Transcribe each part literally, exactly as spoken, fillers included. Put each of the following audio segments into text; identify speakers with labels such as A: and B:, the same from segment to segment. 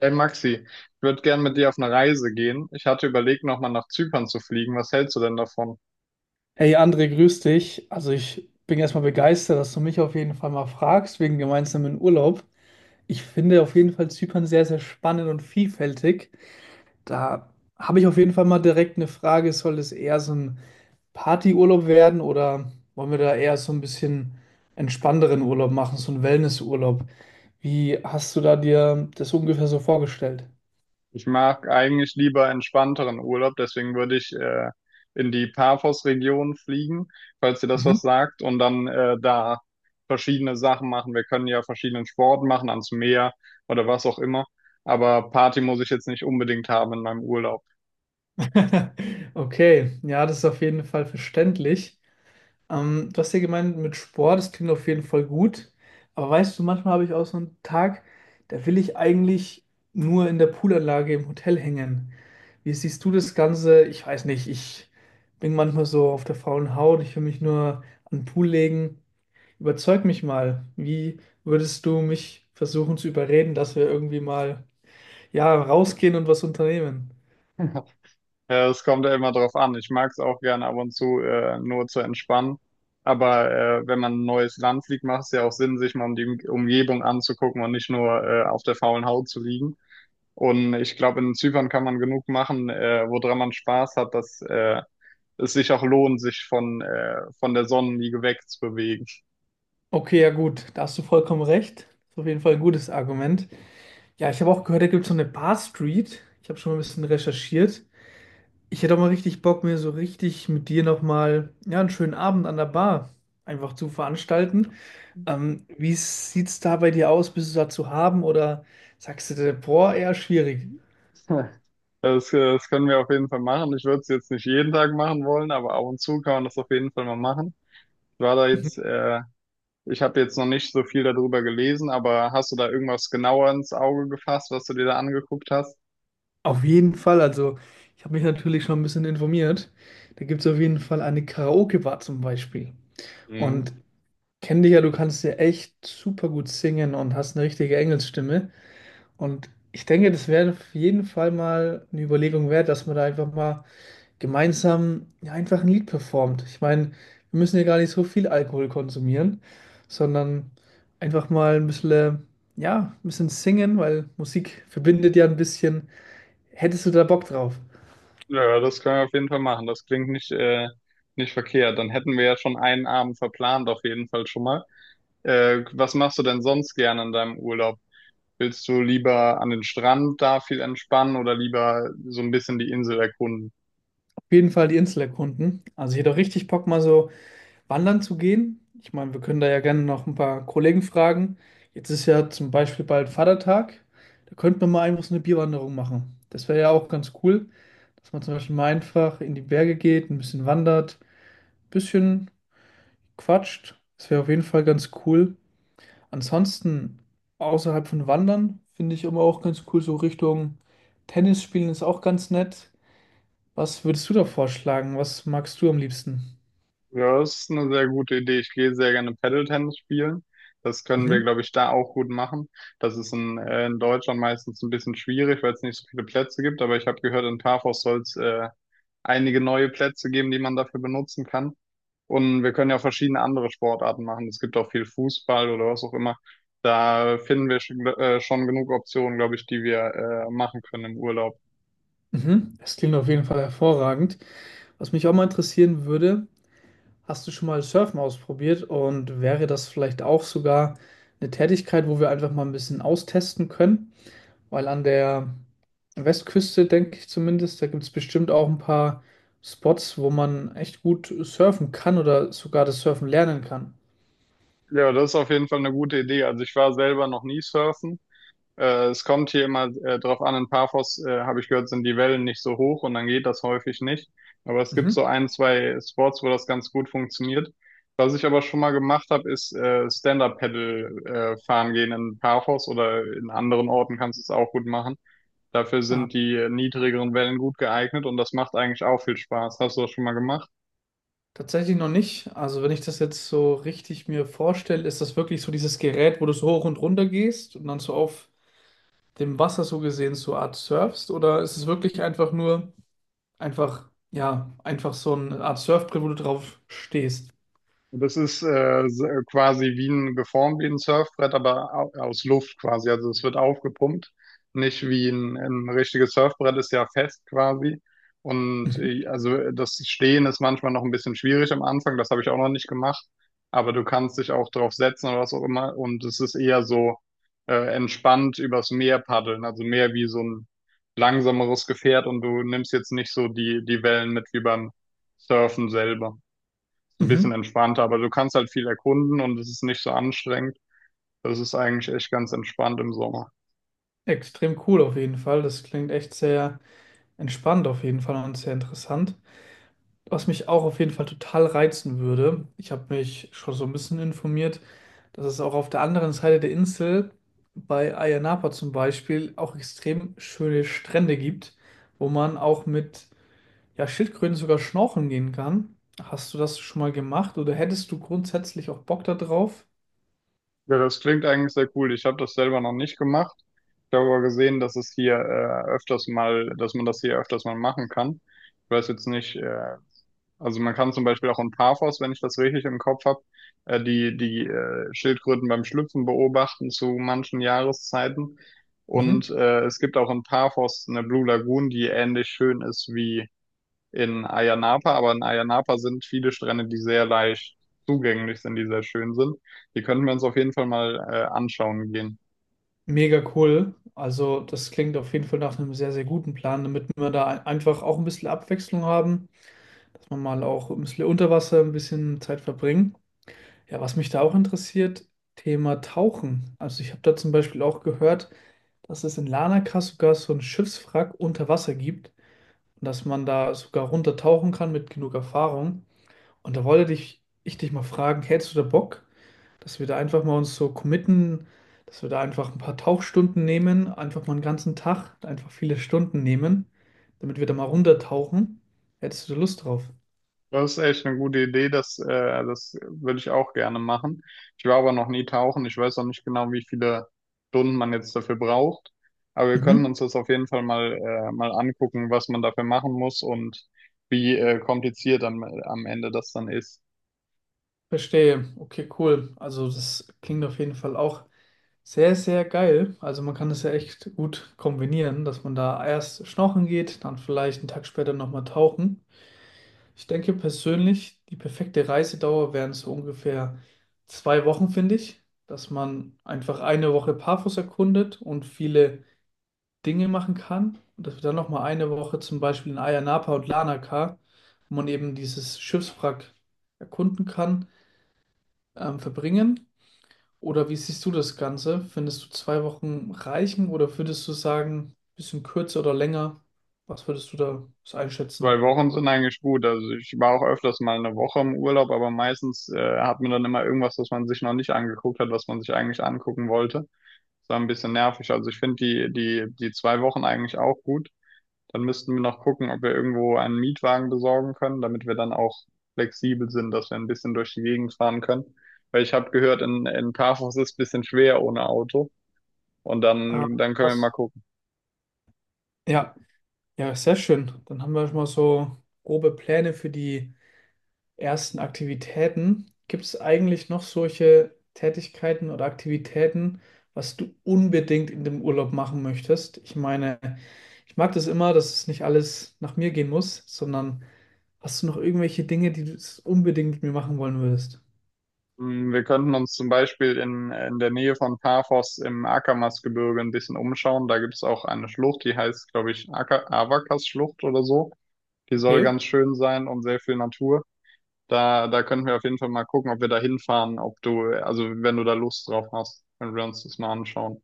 A: Hey Maxi, ich würde gern mit dir auf eine Reise gehen. Ich hatte überlegt, nochmal nach Zypern zu fliegen. Was hältst du denn davon?
B: Hey André, grüß dich. Also ich bin erstmal begeistert, dass du mich auf jeden Fall mal fragst wegen gemeinsamen Urlaub. Ich finde auf jeden Fall Zypern sehr, sehr spannend und vielfältig. Da habe ich auf jeden Fall mal direkt eine Frage, soll es eher so ein Partyurlaub werden oder wollen wir da eher so ein bisschen entspannteren Urlaub machen, so einen Wellnessurlaub? Wie hast du da dir das ungefähr so vorgestellt?
A: Ich mag eigentlich lieber entspannteren Urlaub, deswegen würde ich äh, in die Paphos-Region fliegen, falls dir das
B: Mhm.
A: was sagt, und dann äh, da verschiedene Sachen machen. Wir können ja verschiedenen Sport machen, ans Meer oder was auch immer. Aber Party muss ich jetzt nicht unbedingt haben in meinem Urlaub.
B: Okay, ja, das ist auf jeden Fall verständlich. Ähm, du hast ja gemeint, mit Sport, das klingt auf jeden Fall gut. Aber weißt du, manchmal habe ich auch so einen Tag, da will ich eigentlich nur in der Poolanlage im Hotel hängen. Wie siehst du das Ganze? Ich weiß nicht, ich bin manchmal so auf der faulen Haut, ich will mich nur an den Pool legen. Überzeug mich mal. Wie würdest du mich versuchen zu überreden, dass wir irgendwie mal, ja, rausgehen und was unternehmen?
A: Ja, es kommt ja immer drauf an. Ich mag es auch gerne ab und zu äh, nur zu entspannen. Aber äh, wenn man ein neues Land fliegt, macht es ja auch Sinn, sich mal um die Um- Umgebung anzugucken und nicht nur äh, auf der faulen Haut zu liegen. Und ich glaube, in Zypern kann man genug machen, äh, woran man Spaß hat, dass äh, es sich auch lohnt, sich von, äh, von der Sonnenliege wegzubewegen.
B: Okay, ja gut, da hast du vollkommen recht. Ist auf jeden Fall ein gutes Argument. Ja, ich habe auch gehört, da gibt es so eine Bar Street. Ich habe schon mal ein bisschen recherchiert. Ich hätte auch mal richtig Bock, mir so richtig mit dir nochmal ja, einen schönen Abend an der Bar einfach zu veranstalten. Ähm, wie sieht's da bei dir aus? Bist du da zu haben oder sagst du dir, boah, eher schwierig?
A: Das, äh, das können wir auf jeden Fall machen. Ich würde es jetzt nicht jeden Tag machen wollen, aber ab und zu kann man das auf jeden Fall mal machen. Ich war da jetzt äh, Ich habe jetzt noch nicht so viel darüber gelesen, aber hast du da irgendwas genauer ins Auge gefasst, was du dir da angeguckt hast?
B: Auf jeden Fall. Also, ich habe mich natürlich schon ein bisschen informiert. Da gibt es auf jeden Fall eine Karaoke-Bar zum Beispiel.
A: Mhm.
B: Und kenn dich ja, du kannst ja echt super gut singen und hast eine richtige Engelsstimme. Und ich denke, das wäre auf jeden Fall mal eine Überlegung wert, dass man da einfach mal gemeinsam ja, einfach ein Lied performt. Ich meine, wir müssen ja gar nicht so viel Alkohol konsumieren, sondern einfach mal ein bisschen, äh, ja, ein bisschen singen, weil Musik verbindet ja ein bisschen. Hättest du da Bock drauf?
A: Ja, das können wir auf jeden Fall machen. Das klingt nicht, äh, nicht verkehrt. Dann hätten wir ja schon einen Abend verplant, auf jeden Fall schon mal. Äh, was machst du denn sonst gerne in deinem Urlaub? Willst du lieber an den Strand da viel entspannen oder lieber so ein bisschen die Insel erkunden?
B: Auf jeden Fall die Insel erkunden. Also ich hätte auch richtig Bock, mal so wandern zu gehen. Ich meine, wir können da ja gerne noch ein paar Kollegen fragen. Jetzt ist ja zum Beispiel bald Vatertag. Da könnten wir mal einfach so eine Bierwanderung machen. Das wäre ja auch ganz cool, dass man zum Beispiel mal einfach in die Berge geht, ein bisschen wandert, ein bisschen quatscht. Das wäre auf jeden Fall ganz cool. Ansonsten, außerhalb von Wandern, finde ich immer auch ganz cool, so Richtung Tennis spielen ist auch ganz nett. Was würdest du da vorschlagen? Was magst du am liebsten?
A: Ja, das ist eine sehr gute Idee. Ich gehe sehr gerne Paddle-Tennis spielen. Das können wir,
B: Mhm.
A: glaube ich, da auch gut machen. Das ist in, äh, in Deutschland meistens ein bisschen schwierig, weil es nicht so viele Plätze gibt. Aber ich habe gehört, in Parkhaus soll es äh, einige neue Plätze geben, die man dafür benutzen kann. Und wir können ja verschiedene andere Sportarten machen. Es gibt auch viel Fußball oder was auch immer. Da finden wir schon, äh, schon genug Optionen, glaube ich, die wir äh, machen können im Urlaub.
B: Mhm. Das klingt auf jeden Fall hervorragend. Was mich auch mal interessieren würde, hast du schon mal Surfen ausprobiert und wäre das vielleicht auch sogar eine Tätigkeit, wo wir einfach mal ein bisschen austesten können? Weil an der Westküste, denke ich zumindest, da gibt es bestimmt auch ein paar Spots, wo man echt gut surfen kann oder sogar das Surfen lernen kann.
A: Ja, das ist auf jeden Fall eine gute Idee. Also ich war selber noch nie surfen. Äh, es kommt hier immer äh, drauf an, in Paphos, äh, habe ich gehört, sind die Wellen nicht so hoch und dann geht das häufig nicht. Aber es gibt
B: Mhm.
A: so ein, zwei Sports, wo das ganz gut funktioniert. Was ich aber schon mal gemacht habe, ist äh, Stand-Up-Paddle äh, fahren gehen in Paphos oder in anderen Orten kannst du es auch gut machen. Dafür
B: Ah,
A: sind die äh, niedrigeren Wellen gut geeignet und das macht eigentlich auch viel Spaß. Hast du das schon mal gemacht?
B: tatsächlich noch nicht. Also wenn ich das jetzt so richtig mir vorstelle, ist das wirklich so dieses Gerät, wo du so hoch und runter gehst und dann so auf dem Wasser so gesehen so Art surfst oder ist es wirklich einfach nur einfach, ja, einfach so eine Art Surfbrett, wo du drauf stehst?
A: Und das ist äh, s- äh, quasi wie ein geformt wie ein Surfbrett, aber au- aus Luft quasi. Also es wird aufgepumpt, nicht wie ein, ein richtiges Surfbrett ist ja fest quasi. Und
B: Mhm.
A: äh, also das Stehen ist manchmal noch ein bisschen schwierig am Anfang, das habe ich auch noch nicht gemacht. Aber du kannst dich auch drauf setzen oder was auch immer. Und es ist eher so äh, entspannt übers Meer paddeln, also mehr wie so ein langsameres Gefährt und du nimmst jetzt nicht so die, die Wellen mit wie beim Surfen selber so ein bisschen
B: Mhm.
A: entspannter, aber du kannst halt viel erkunden und es ist nicht so anstrengend. Das ist eigentlich echt ganz entspannt im Sommer.
B: Extrem cool auf jeden Fall. Das klingt echt sehr entspannt auf jeden Fall und sehr interessant. Was mich auch auf jeden Fall total reizen würde, ich habe mich schon so ein bisschen informiert, dass es auch auf der anderen Seite der Insel bei Ayia Napa zum Beispiel auch extrem schöne Strände gibt, wo man auch mit ja, Schildkröten sogar schnorcheln gehen kann. Hast du das schon mal gemacht oder hättest du grundsätzlich auch Bock da drauf?
A: Ja, das klingt eigentlich sehr cool. Ich habe das selber noch nicht gemacht. Ich habe aber gesehen, dass es hier äh, öfters mal, dass man das hier öfters mal machen kann. Ich weiß jetzt nicht, äh, also man kann zum Beispiel auch in Paphos, wenn ich das richtig im Kopf habe, äh, die, die äh, Schildkröten beim Schlüpfen beobachten zu manchen Jahreszeiten.
B: Mhm.
A: Und äh, es gibt auch in Paphos eine Blue Lagoon, die ähnlich schön ist wie in Ayia Napa, aber in Ayia Napa sind viele Strände, die sehr leicht zugänglich sind, die sehr schön sind. Die könnten wir uns auf jeden Fall mal äh, anschauen gehen.
B: Mega cool. Also, das klingt auf jeden Fall nach einem sehr, sehr guten Plan, damit wir da ein- einfach auch ein bisschen Abwechslung haben, dass wir mal auch ein bisschen unter Wasser ein bisschen Zeit verbringen. Ja, was mich da auch interessiert, Thema Tauchen. Also, ich habe da zum Beispiel auch gehört, dass es in Larnaca sogar so ein Schiffswrack unter Wasser gibt und dass man da sogar runtertauchen kann mit genug Erfahrung. Und da wollte dich, ich dich mal fragen, hättest du da Bock, dass wir da einfach mal uns so committen, dass wir da einfach ein paar Tauchstunden nehmen, einfach mal einen ganzen Tag, einfach viele Stunden nehmen, damit wir da mal runtertauchen? Hättest du da Lust drauf?
A: Das ist echt eine gute Idee, das, äh, das würde ich auch gerne machen. Ich war aber noch nie tauchen, ich weiß auch nicht genau, wie viele Stunden man jetzt dafür braucht, aber wir können
B: Mhm.
A: uns das auf jeden Fall mal, äh, mal angucken, was man dafür machen muss und wie äh, kompliziert am, am Ende das dann ist.
B: Verstehe. Okay, cool. Also das klingt auf jeden Fall auch sehr, sehr geil. Also man kann das ja echt gut kombinieren, dass man da erst schnorcheln geht, dann vielleicht einen Tag später nochmal tauchen. Ich denke persönlich, die perfekte Reisedauer wären so ungefähr zwei Wochen, finde ich, dass man einfach eine Woche Paphos erkundet und viele Dinge machen kann. Und dass wir dann nochmal eine Woche zum Beispiel in Ayia Napa und Larnaca, wo man eben dieses Schiffswrack erkunden kann, ähm, verbringen. Oder wie siehst du das Ganze? Findest du zwei Wochen reichen oder würdest du sagen, bisschen kürzer oder länger? Was würdest du da so
A: Zwei
B: einschätzen?
A: Wochen sind eigentlich gut. Also ich war auch öfters mal eine Woche im Urlaub, aber meistens äh, hat man dann immer irgendwas, was man sich noch nicht angeguckt hat, was man sich eigentlich angucken wollte. Das war ein bisschen nervig. Also ich finde die, die, die zwei Wochen eigentlich auch gut. Dann müssten wir noch gucken, ob wir irgendwo einen Mietwagen besorgen können, damit wir dann auch flexibel sind, dass wir ein bisschen durch die Gegend fahren können. Weil ich habe gehört, in, in Paphos ist es ein bisschen schwer ohne Auto. Und
B: Ah,
A: dann, dann können wir mal
B: krass.
A: gucken.
B: Ja, Ja, sehr schön. Dann haben wir schon mal so grobe Pläne für die ersten Aktivitäten. Gibt es eigentlich noch solche Tätigkeiten oder Aktivitäten, was du unbedingt in dem Urlaub machen möchtest? Ich meine, ich mag das immer, dass es nicht alles nach mir gehen muss, sondern hast du noch irgendwelche Dinge, die du unbedingt mit mir machen wollen würdest?
A: Hm, wir könnten uns zum Beispiel in, in der Nähe von Paphos im Akamas-Gebirge ein bisschen umschauen. Da gibt es auch eine Schlucht, die heißt, glaube ich, Aka- Avakas-Schlucht oder so. Die soll
B: Okay.
A: ganz schön sein und sehr viel Natur. Da, da könnten wir auf jeden Fall mal gucken, ob wir da hinfahren, ob du, also wenn du da Lust drauf hast, können wir uns das mal anschauen.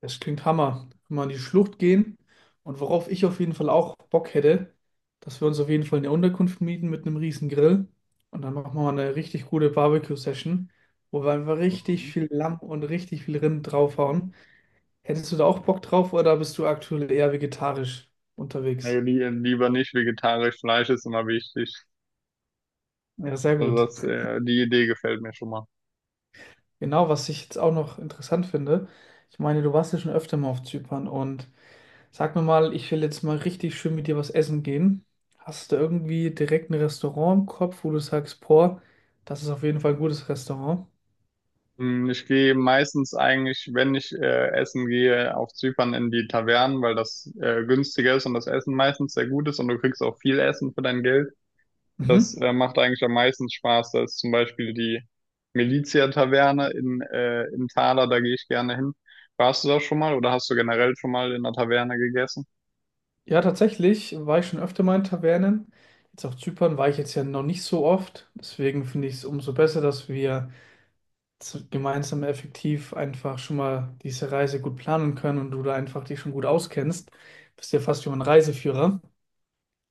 B: Das klingt Hammer. Wenn wir in die Schlucht gehen und worauf ich auf jeden Fall auch Bock hätte, dass wir uns auf jeden Fall eine Unterkunft mieten mit einem riesen Grill und dann machen wir mal eine richtig gute Barbecue-Session, wo wir einfach richtig
A: Mhm.
B: viel Lamm und richtig viel Rind draufhauen. Hättest du da auch Bock drauf oder bist du aktuell eher vegetarisch
A: Nee,
B: unterwegs?
A: li lieber nicht. Vegetarisch, Fleisch ist immer wichtig.
B: Ja, sehr
A: Also
B: gut.
A: das, äh, die Idee gefällt mir schon mal.
B: Genau, was ich jetzt auch noch interessant finde, ich meine, du warst ja schon öfter mal auf Zypern und sag mir mal, ich will jetzt mal richtig schön mit dir was essen gehen. Hast du irgendwie direkt ein Restaurant im Kopf, wo du sagst, boah, das ist auf jeden Fall ein gutes Restaurant?
A: Hm, ich gehe meistens eigentlich, wenn ich äh, essen gehe, auf Zypern in die Tavernen, weil das äh, günstiger ist und das Essen meistens sehr gut ist und du kriegst auch viel Essen für dein Geld. Das
B: Mhm.
A: äh, macht eigentlich am meisten Spaß. Da ist zum Beispiel die Milizia-Taverne in, äh, in Thaler, da gehe ich gerne hin. Warst du da schon mal oder hast du generell schon mal in einer Taverne gegessen?
B: Ja, tatsächlich war ich schon öfter mal in Tavernen. Jetzt auf Zypern war ich jetzt ja noch nicht so oft. Deswegen finde ich es umso besser, dass wir z- gemeinsam effektiv einfach schon mal diese Reise gut planen können und du da einfach dich schon gut auskennst. Bist ja fast wie mein Reiseführer.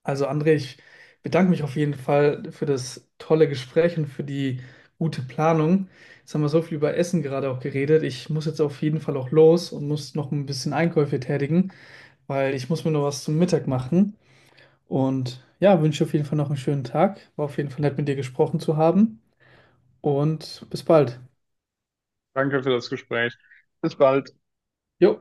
B: Also André, ich bedanke mich auf jeden Fall für das tolle Gespräch und für die gute Planung. Jetzt haben wir so viel über Essen gerade auch geredet. Ich muss jetzt auf jeden Fall auch los und muss noch ein bisschen Einkäufe tätigen, weil ich muss mir noch was zum Mittag machen. Und ja, wünsche auf jeden Fall noch einen schönen Tag. War auf jeden Fall nett mit dir gesprochen zu haben und bis bald.
A: Danke für das Gespräch. Bis bald.
B: Jo.